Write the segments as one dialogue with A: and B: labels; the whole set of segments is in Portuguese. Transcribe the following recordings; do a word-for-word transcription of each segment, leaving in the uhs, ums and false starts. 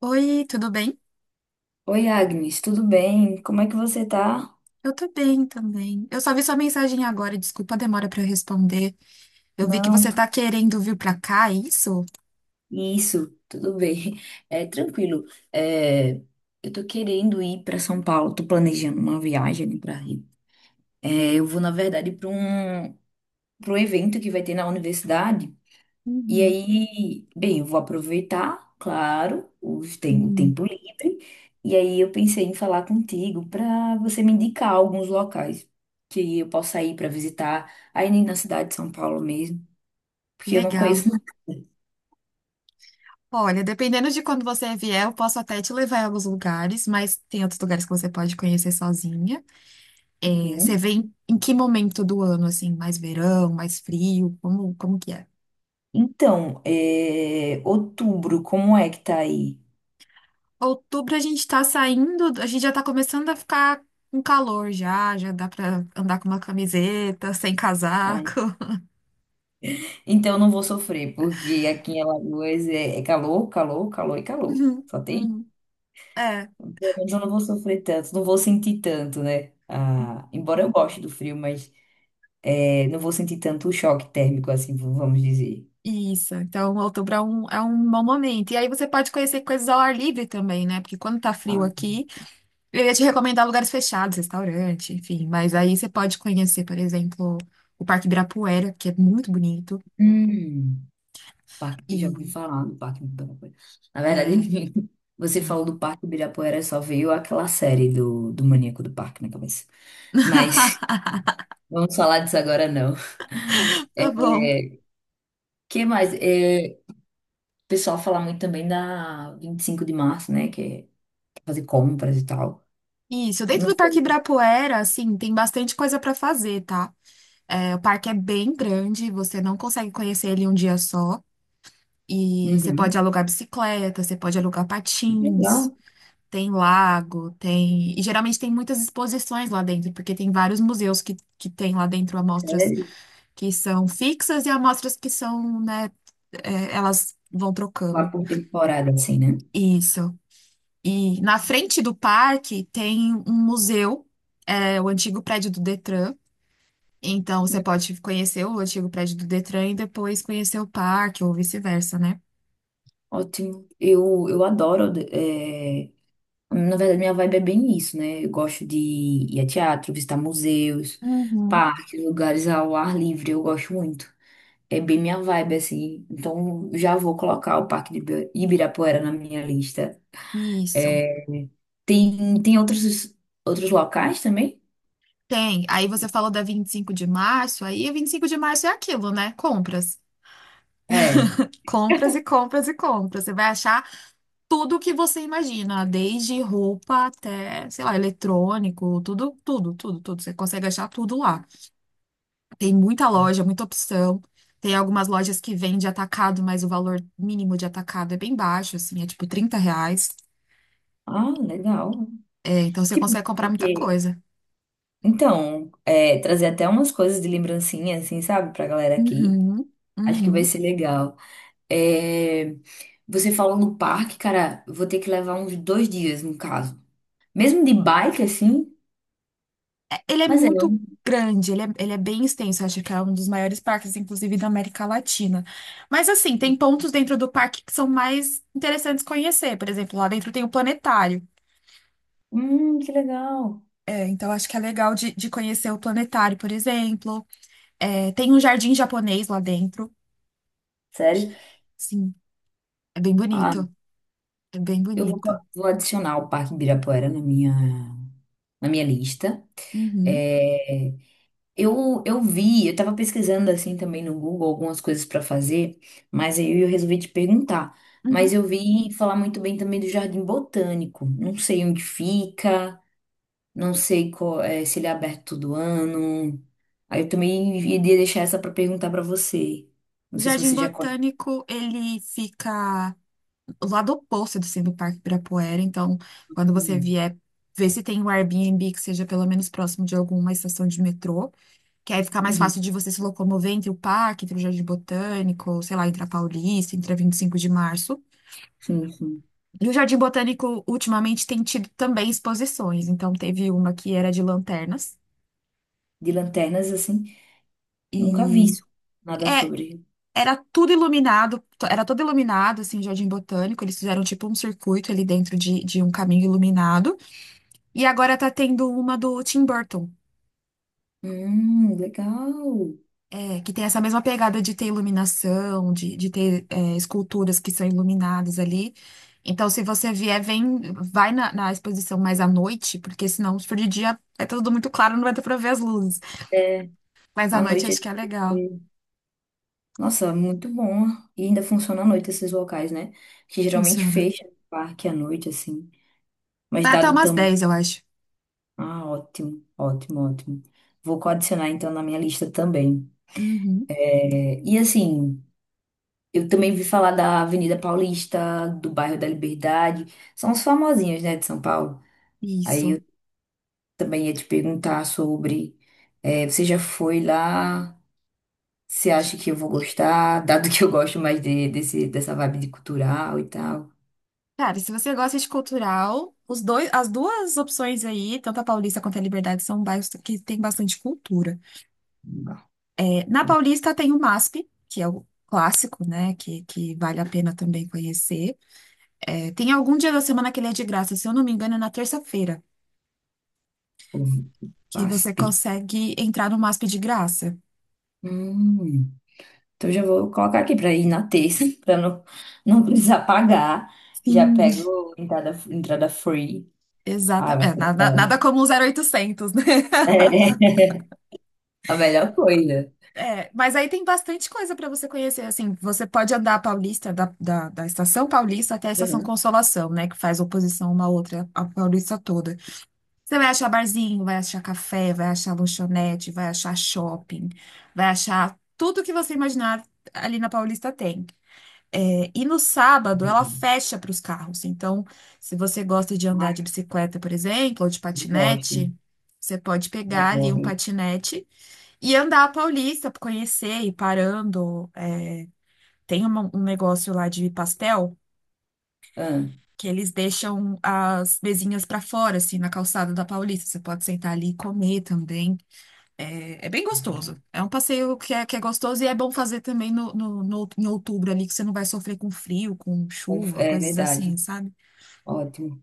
A: Oi, tudo bem?
B: Oi, Agnes, tudo bem? Como é que você tá?
A: Eu tô bem também. Eu só vi sua mensagem agora, desculpa a demora pra eu responder. Eu vi que
B: Não,
A: você
B: tu-
A: tá querendo vir pra cá, é isso?
B: isso, tudo bem. É tranquilo. É, eu tô querendo ir para São Paulo, tô planejando uma viagem para Rio. É, eu vou, na verdade, para um, para um evento que vai ter na universidade. E
A: Uhum,
B: aí, bem, eu vou aproveitar, claro, os tem, o
A: uhum.
B: tempo livre. E aí eu pensei em falar contigo para você me indicar alguns locais que eu possa ir para visitar aí na cidade de São Paulo mesmo, porque eu não
A: Legal.
B: conheço.
A: Olha, dependendo de quando você vier, eu posso até te levar em alguns lugares, mas tem outros lugares que você pode conhecer sozinha. É, você
B: Uhum.
A: vem em que momento do ano, assim? Mais verão, mais frio? Como, como que é?
B: Então, é, outubro, como é que tá aí?
A: Outubro a gente tá saindo, a gente já tá começando a ficar com calor já, já dá pra andar com uma camiseta, sem
B: Ai,
A: casaco.
B: então, eu não vou sofrer, porque aqui em Alagoas é, é calor, calor, calor e calor.
A: Uhum,
B: Só tem.
A: uhum. É,
B: Pelo menos eu não vou sofrer tanto, não vou sentir tanto, né? Ah, embora eu goste do frio, mas é, não vou sentir tanto o choque térmico, assim, v- vamos dizer.
A: isso. Então, outubro é um, é um bom momento. E aí você pode conhecer coisas ao ar livre também, né? Porque quando tá frio
B: Ah,
A: aqui, eu ia te recomendar lugares fechados, restaurante, enfim. Mas aí você pode conhecer, por exemplo, o Parque Ibirapuera, que é muito bonito.
B: hum, parque, eu já ouvi
A: E
B: falar do Parque Ibirapuera. Na
A: é,
B: verdade, você
A: é muito
B: falou do Parque Ibirapuera, só veio aquela série do, do Maníaco do Parque na cabeça. Mas vamos falar disso agora, não. O
A: bom.
B: que mais? É, o pessoal fala muito também da vinte e cinco de março, né? Que é fazer compras e tal.
A: Isso, dentro
B: Não
A: do Parque
B: sei.
A: Ibirapuera, assim, tem bastante coisa para fazer, tá? É, o parque é bem grande, você não consegue conhecer ele em um dia só. E você
B: Uhum.
A: pode alugar bicicleta, você pode alugar patins,
B: Legal.
A: tem lago, tem. E geralmente tem muitas exposições lá dentro, porque tem vários museus que, que tem lá dentro amostras
B: Sério.
A: que são fixas e amostras que são, né, é, elas vão
B: Lá
A: trocando.
B: por temporada, assim, né?
A: Isso. E na frente do parque tem um museu, é, o antigo prédio do Detran. Então, você
B: Hum,
A: pode conhecer o antigo prédio do Detran e depois conhecer o parque, ou vice-versa, né?
B: ótimo. Eu, eu adoro. É, na verdade, minha vibe é bem isso, né? Eu gosto de ir a teatro, visitar museus,
A: Uhum.
B: parques, lugares ao ar livre. Eu gosto muito. É bem minha vibe, assim. Então, já vou colocar o Parque de Ibi- Ibirapuera na minha lista.
A: Isso.
B: É, tem, tem outros, outros locais também?
A: Tem. Aí você falou da vinte e cinco de março, aí vinte e cinco de março é aquilo, né? Compras.
B: É.
A: Compras e compras e compras. Você vai achar tudo o que você imagina, desde roupa até, sei lá, eletrônico, tudo, tudo, tudo, tudo. Você consegue achar tudo lá. Tem muita loja, muita opção. Tem algumas lojas que vendem atacado, mas o valor mínimo de atacado é bem baixo, assim, é tipo trinta reais.
B: Ah, legal.
A: Então você
B: Tipo,
A: consegue comprar muita
B: porque...
A: coisa.
B: Então, é, trazer até umas coisas de lembrancinha, assim, sabe, pra galera aqui.
A: Uhum,
B: Acho que vai
A: uhum.
B: ser legal. É, você falou no parque, cara, vou ter que levar uns dois dias, no caso. Mesmo de bike, assim,
A: É, ele é
B: mas é
A: muito
B: um...
A: grande, ele é, ele é bem extenso. Acho que é um dos maiores parques, inclusive, da América Latina. Mas assim, tem pontos dentro do parque que são mais interessantes conhecer. Por exemplo, lá dentro tem o planetário.
B: Hum, que legal.
A: É, então acho que é legal de, de conhecer o planetário, por exemplo. É, tem um jardim japonês lá dentro.
B: Sério?
A: Sim, é bem
B: Ah,
A: bonito. É bem
B: eu vou,
A: bonito.
B: co- vou adicionar o Parque Ibirapuera na minha, na minha lista.
A: Uhum,
B: É, Eu, eu vi, eu tava pesquisando assim também no Google algumas coisas pra fazer, mas aí eu resolvi te perguntar. Mas
A: uhum.
B: eu vi falar muito bem também do Jardim Botânico. Não sei onde fica, não sei qual- eh, se ele é aberto todo ano. Aí eu também iria deixar essa pra perguntar pra você. Não
A: O
B: sei se
A: Jardim
B: você já conhece.
A: Botânico, ele fica o lado oposto do Cine Parque Ibirapuera. Então, quando você
B: Hum.
A: vier, ver se tem um Airbnb que seja pelo menos próximo de alguma estação de metrô, que aí fica mais
B: Uhum.
A: fácil de você se locomover entre o parque, entre o Jardim Botânico, sei lá, entre a Paulista, entre a vinte e cinco de março.
B: Sim, sim.
A: E o Jardim Botânico, ultimamente, tem tido também exposições. Então, teve uma que era de lanternas.
B: De lanternas assim, nunca vi
A: E
B: isso, nada
A: é,
B: sobre.
A: era tudo iluminado, to- era todo iluminado, assim, o Jardim Botânico. Eles fizeram, tipo, um circuito ali dentro de, de um caminho iluminado. E agora tá tendo uma do Tim Burton,
B: Hum, legal.
A: é, que tem essa mesma pegada de ter iluminação, de, de ter é, esculturas que são iluminadas ali. Então, se você vier, vem, vai na, na exposição mais à noite, porque senão, se for de dia, é tudo muito claro, não vai dar pra ver as luzes.
B: É,
A: Mas à
B: à
A: noite
B: noite é
A: acho que é legal.
B: difícil. Nossa, muito bom. E ainda funciona à noite esses locais, né? Que geralmente
A: Funciona.
B: fecha o parque à noite, assim. Mas
A: Vai até
B: dado
A: umas
B: tão.
A: dez eu acho.
B: Ah, ótimo, ótimo, ótimo. Vou adicionar então na minha lista também.
A: Uhum,
B: É, e assim, eu também vi falar da Avenida Paulista, do bairro da Liberdade. São os famosinhos, né, de São Paulo. Aí
A: isso.
B: eu também ia te perguntar sobre. É, você já foi lá? Você acha que eu vou gostar? Dado que eu gosto mais de, desse, dessa vibe de cultural e tal.
A: Cara, e se você gosta de cultural, os dois, as duas opções aí, tanto a Paulista quanto a Liberdade, são bairros que tem bastante cultura. Na Paulista tem o MASP, que é o clássico, né? Que, que vale a pena também conhecer. É, tem algum dia da semana que ele é de graça, se eu não me engano, é na terça-feira, que você
B: Vasp.
A: consegue entrar no MASP de graça.
B: Hum. Então já vou colocar aqui para ir na terça, para não, não precisar pagar. Já
A: Sim,
B: pego entrada, entrada free. Ah, vai
A: exatamente. É,
B: ser
A: nada,
B: legal.
A: nada como um zero oitocentos, né?
B: É, a melhor coisa.
A: É, mas aí tem bastante coisa para você conhecer, assim, você pode andar a Paulista, da, da, da Estação Paulista até a Estação
B: Uhum.
A: Consolação, né, que faz oposição uma à outra, a Paulista toda. Você vai achar barzinho, vai achar café, vai achar lanchonete, vai achar shopping, vai achar tudo que você imaginar ali na Paulista tem. É, e no sábado ela fecha para os carros. Então, se você gosta de andar
B: Ai,
A: de bicicleta, por exemplo, ou de
B: eu gosto.
A: patinete, você pode pegar ali um
B: Adoro.
A: patinete e andar a Paulista, conhecer, ir parando. É, tem uma- um negócio lá de pastel
B: Ah,
A: que eles deixam as mesinhas para fora, assim, na calçada da Paulista. Você pode sentar ali e comer também. É, é bem gostoso. É um passeio que é, que é gostoso e é bom fazer também no, no, no- em outubro ali, que você não vai sofrer com frio, com
B: conf-
A: chuva,
B: é
A: coisas assim,
B: verdade.
A: sabe?
B: Ótimo.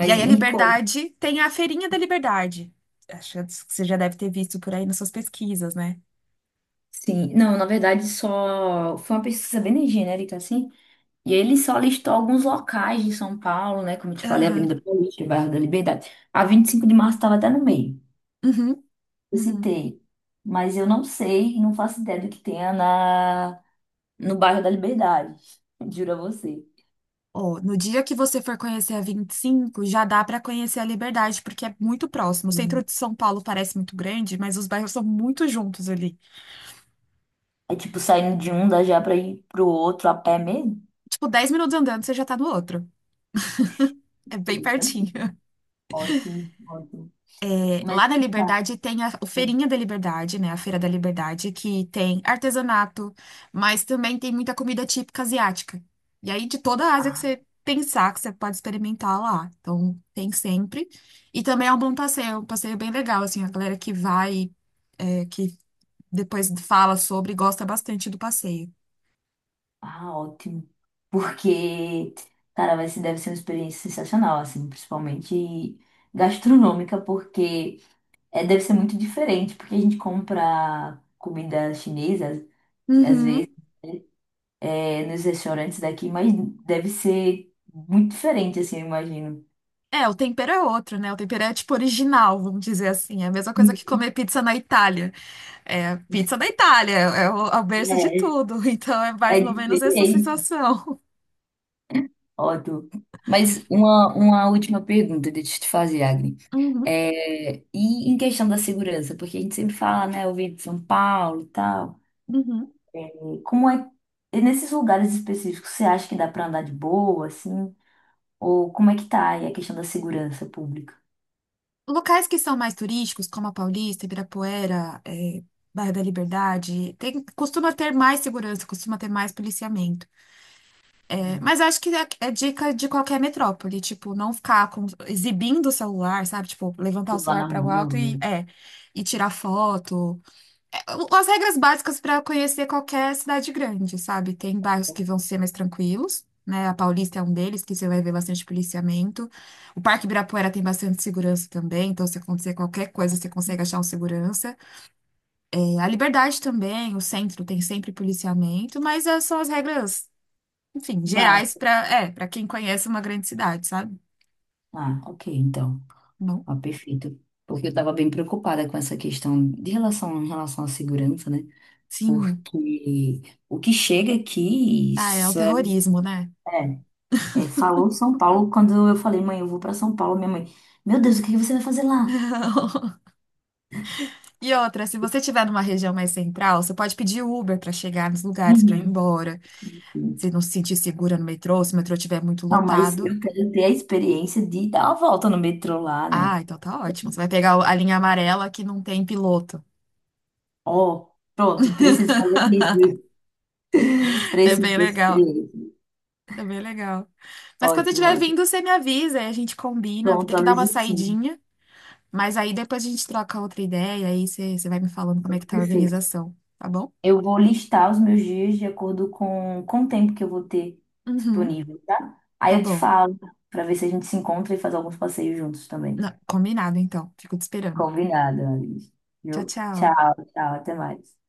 A: E aí a
B: me conta.
A: Liberdade tem a Feirinha da Liberdade. Acho que você já deve ter visto por aí nas suas pesquisas, né?
B: Sim. Não, na verdade, só foi uma pesquisa bem genérica, assim. E ele só listou alguns locais de São Paulo, né? Como eu te falei,
A: Aham.
B: Avenida Paulista, Bairro da Liberdade. A vinte e cinco de março estava até no meio,
A: Uhum.
B: eu
A: Uhum.
B: citei. Mas eu não sei, não faço ideia do que tenha na, no bairro da Liberdade. Juro a você.
A: Ó, no dia que você for conhecer a vinte e cinco, já dá para conhecer a Liberdade, porque é muito próximo. O
B: Hum.
A: centro de São Paulo parece muito grande, mas os bairros são muito juntos ali.
B: É tipo saindo de um dá já para ir pro outro a pé mesmo?
A: Tipo, dez minutos andando, você já tá no outro. É bem
B: Sim, né?
A: pertinho.
B: Ótimo, ótimo. Mas
A: Lá na
B: tá.
A: Liberdade tem a o Feirinha da Liberdade, né? A Feira da Liberdade, que tem artesanato, mas também tem muita comida típica asiática. E aí, de toda a Ásia que
B: Tá.
A: você pensar, que você pode experimentar lá. Então, tem sempre. E também é um bom passeio, é um passeio bem legal, assim, a galera que vai é, que depois fala sobre e gosta bastante do passeio.
B: Ah, ótimo. Porque, cara, vai ser, deve ser uma experiência sensacional, assim, principalmente gastronômica, porque é, deve ser muito diferente, porque a gente compra comida chinesa, às vezes,
A: Uhum.
B: é, nos restaurantes daqui, mas deve ser muito diferente, assim, eu imagino.
A: É, o tempero é outro, né? O tempero é tipo original, vamos dizer assim. É a mesma coisa que comer pizza na Itália. É, pizza da Itália, é o, é o berço de
B: É,
A: tudo. Então é
B: é
A: mais ou menos essa
B: diferente.
A: sensação.
B: Ótimo. Mas uma, uma última pergunta, deixa eu te fazer, Agni.
A: Uhum,
B: É, e em questão da segurança, porque a gente sempre fala, né, eu vim de São Paulo e tal.
A: uhum.
B: Como é, e nesses lugares específicos, você acha que dá pra andar de boa, assim? Ou como é que tá aí a questão da segurança pública?
A: Locais que são mais turísticos, como a Paulista, Ibirapuera, é, Bairro da Liberdade, tem, costuma ter mais segurança, costuma ter mais policiamento.
B: Hum,
A: Mas acho que é é dica de qualquer metrópole, tipo, não ficar com- exibindo o celular, sabe? Tipo, levantar o
B: Lá
A: celular
B: na
A: para o
B: mão, não,
A: alto
B: né?
A: e, é, e tirar foto. É, o- as regras básicas para conhecer qualquer cidade grande, sabe? Tem bairros que vão ser mais tranquilos, né? A Paulista é um deles, que você vai ver bastante policiamento. O Parque Ibirapuera tem bastante segurança também, então se acontecer qualquer coisa, você consegue achar um segurança. É, a Liberdade também, o centro tem sempre policiamento, mas é, são as regras enfim, gerais
B: Básico.
A: para, é, para quem conhece uma grande cidade, sabe?
B: Ah, ok, então.
A: Bom,
B: Ah, perfeito. Porque eu estava bem preocupada com essa questão de relação, em relação à segurança, né?
A: sim.
B: Porque o que chega aqui,
A: Ah, é o
B: isso é,
A: terrorismo, né?
B: é, é, falou São Paulo, quando eu falei, mãe, eu vou para São Paulo, minha mãe, meu Deus, o que que você vai fazer lá?
A: Não. E outra, se você estiver numa região mais central, você pode pedir Uber para chegar nos lugares, para ir
B: Uhum.
A: embora. Se não se sentir segura no metrô, se o metrô estiver muito
B: Não, mas
A: lotado.
B: eu quero ter a experiência de dar uma volta no metrô lá, né?
A: Ah, então tá ótimo. Você vai pegar o- a linha amarela que não tem piloto.
B: Ó, pronto, preciso fazer isso.
A: É
B: Preciso
A: bem
B: dessa
A: legal.
B: experiência.
A: É bem legal. Mas quando você
B: Ótimo,
A: estiver
B: ótimo.
A: vindo, você me avisa e a gente combina. Eu vou ter
B: Pronto,
A: que dar uma
B: Aloysio, sim.
A: saidinha. Mas aí depois a gente troca outra ideia, aí você você vai me falando como é que tá a
B: Perfeito.
A: organização, tá bom?
B: Eu vou listar os meus dias de acordo com, com o tempo que eu vou ter
A: Uhum,
B: disponível, tá?
A: tá
B: Aí eu te
A: bom.
B: falo, pra ver se a gente se encontra e faz alguns passeios juntos também.
A: Não, combinado então. Fico te esperando.
B: Combinado, Aloysio.
A: Tchau,
B: Viu?
A: tchau.
B: Tchau, tchau, até mais.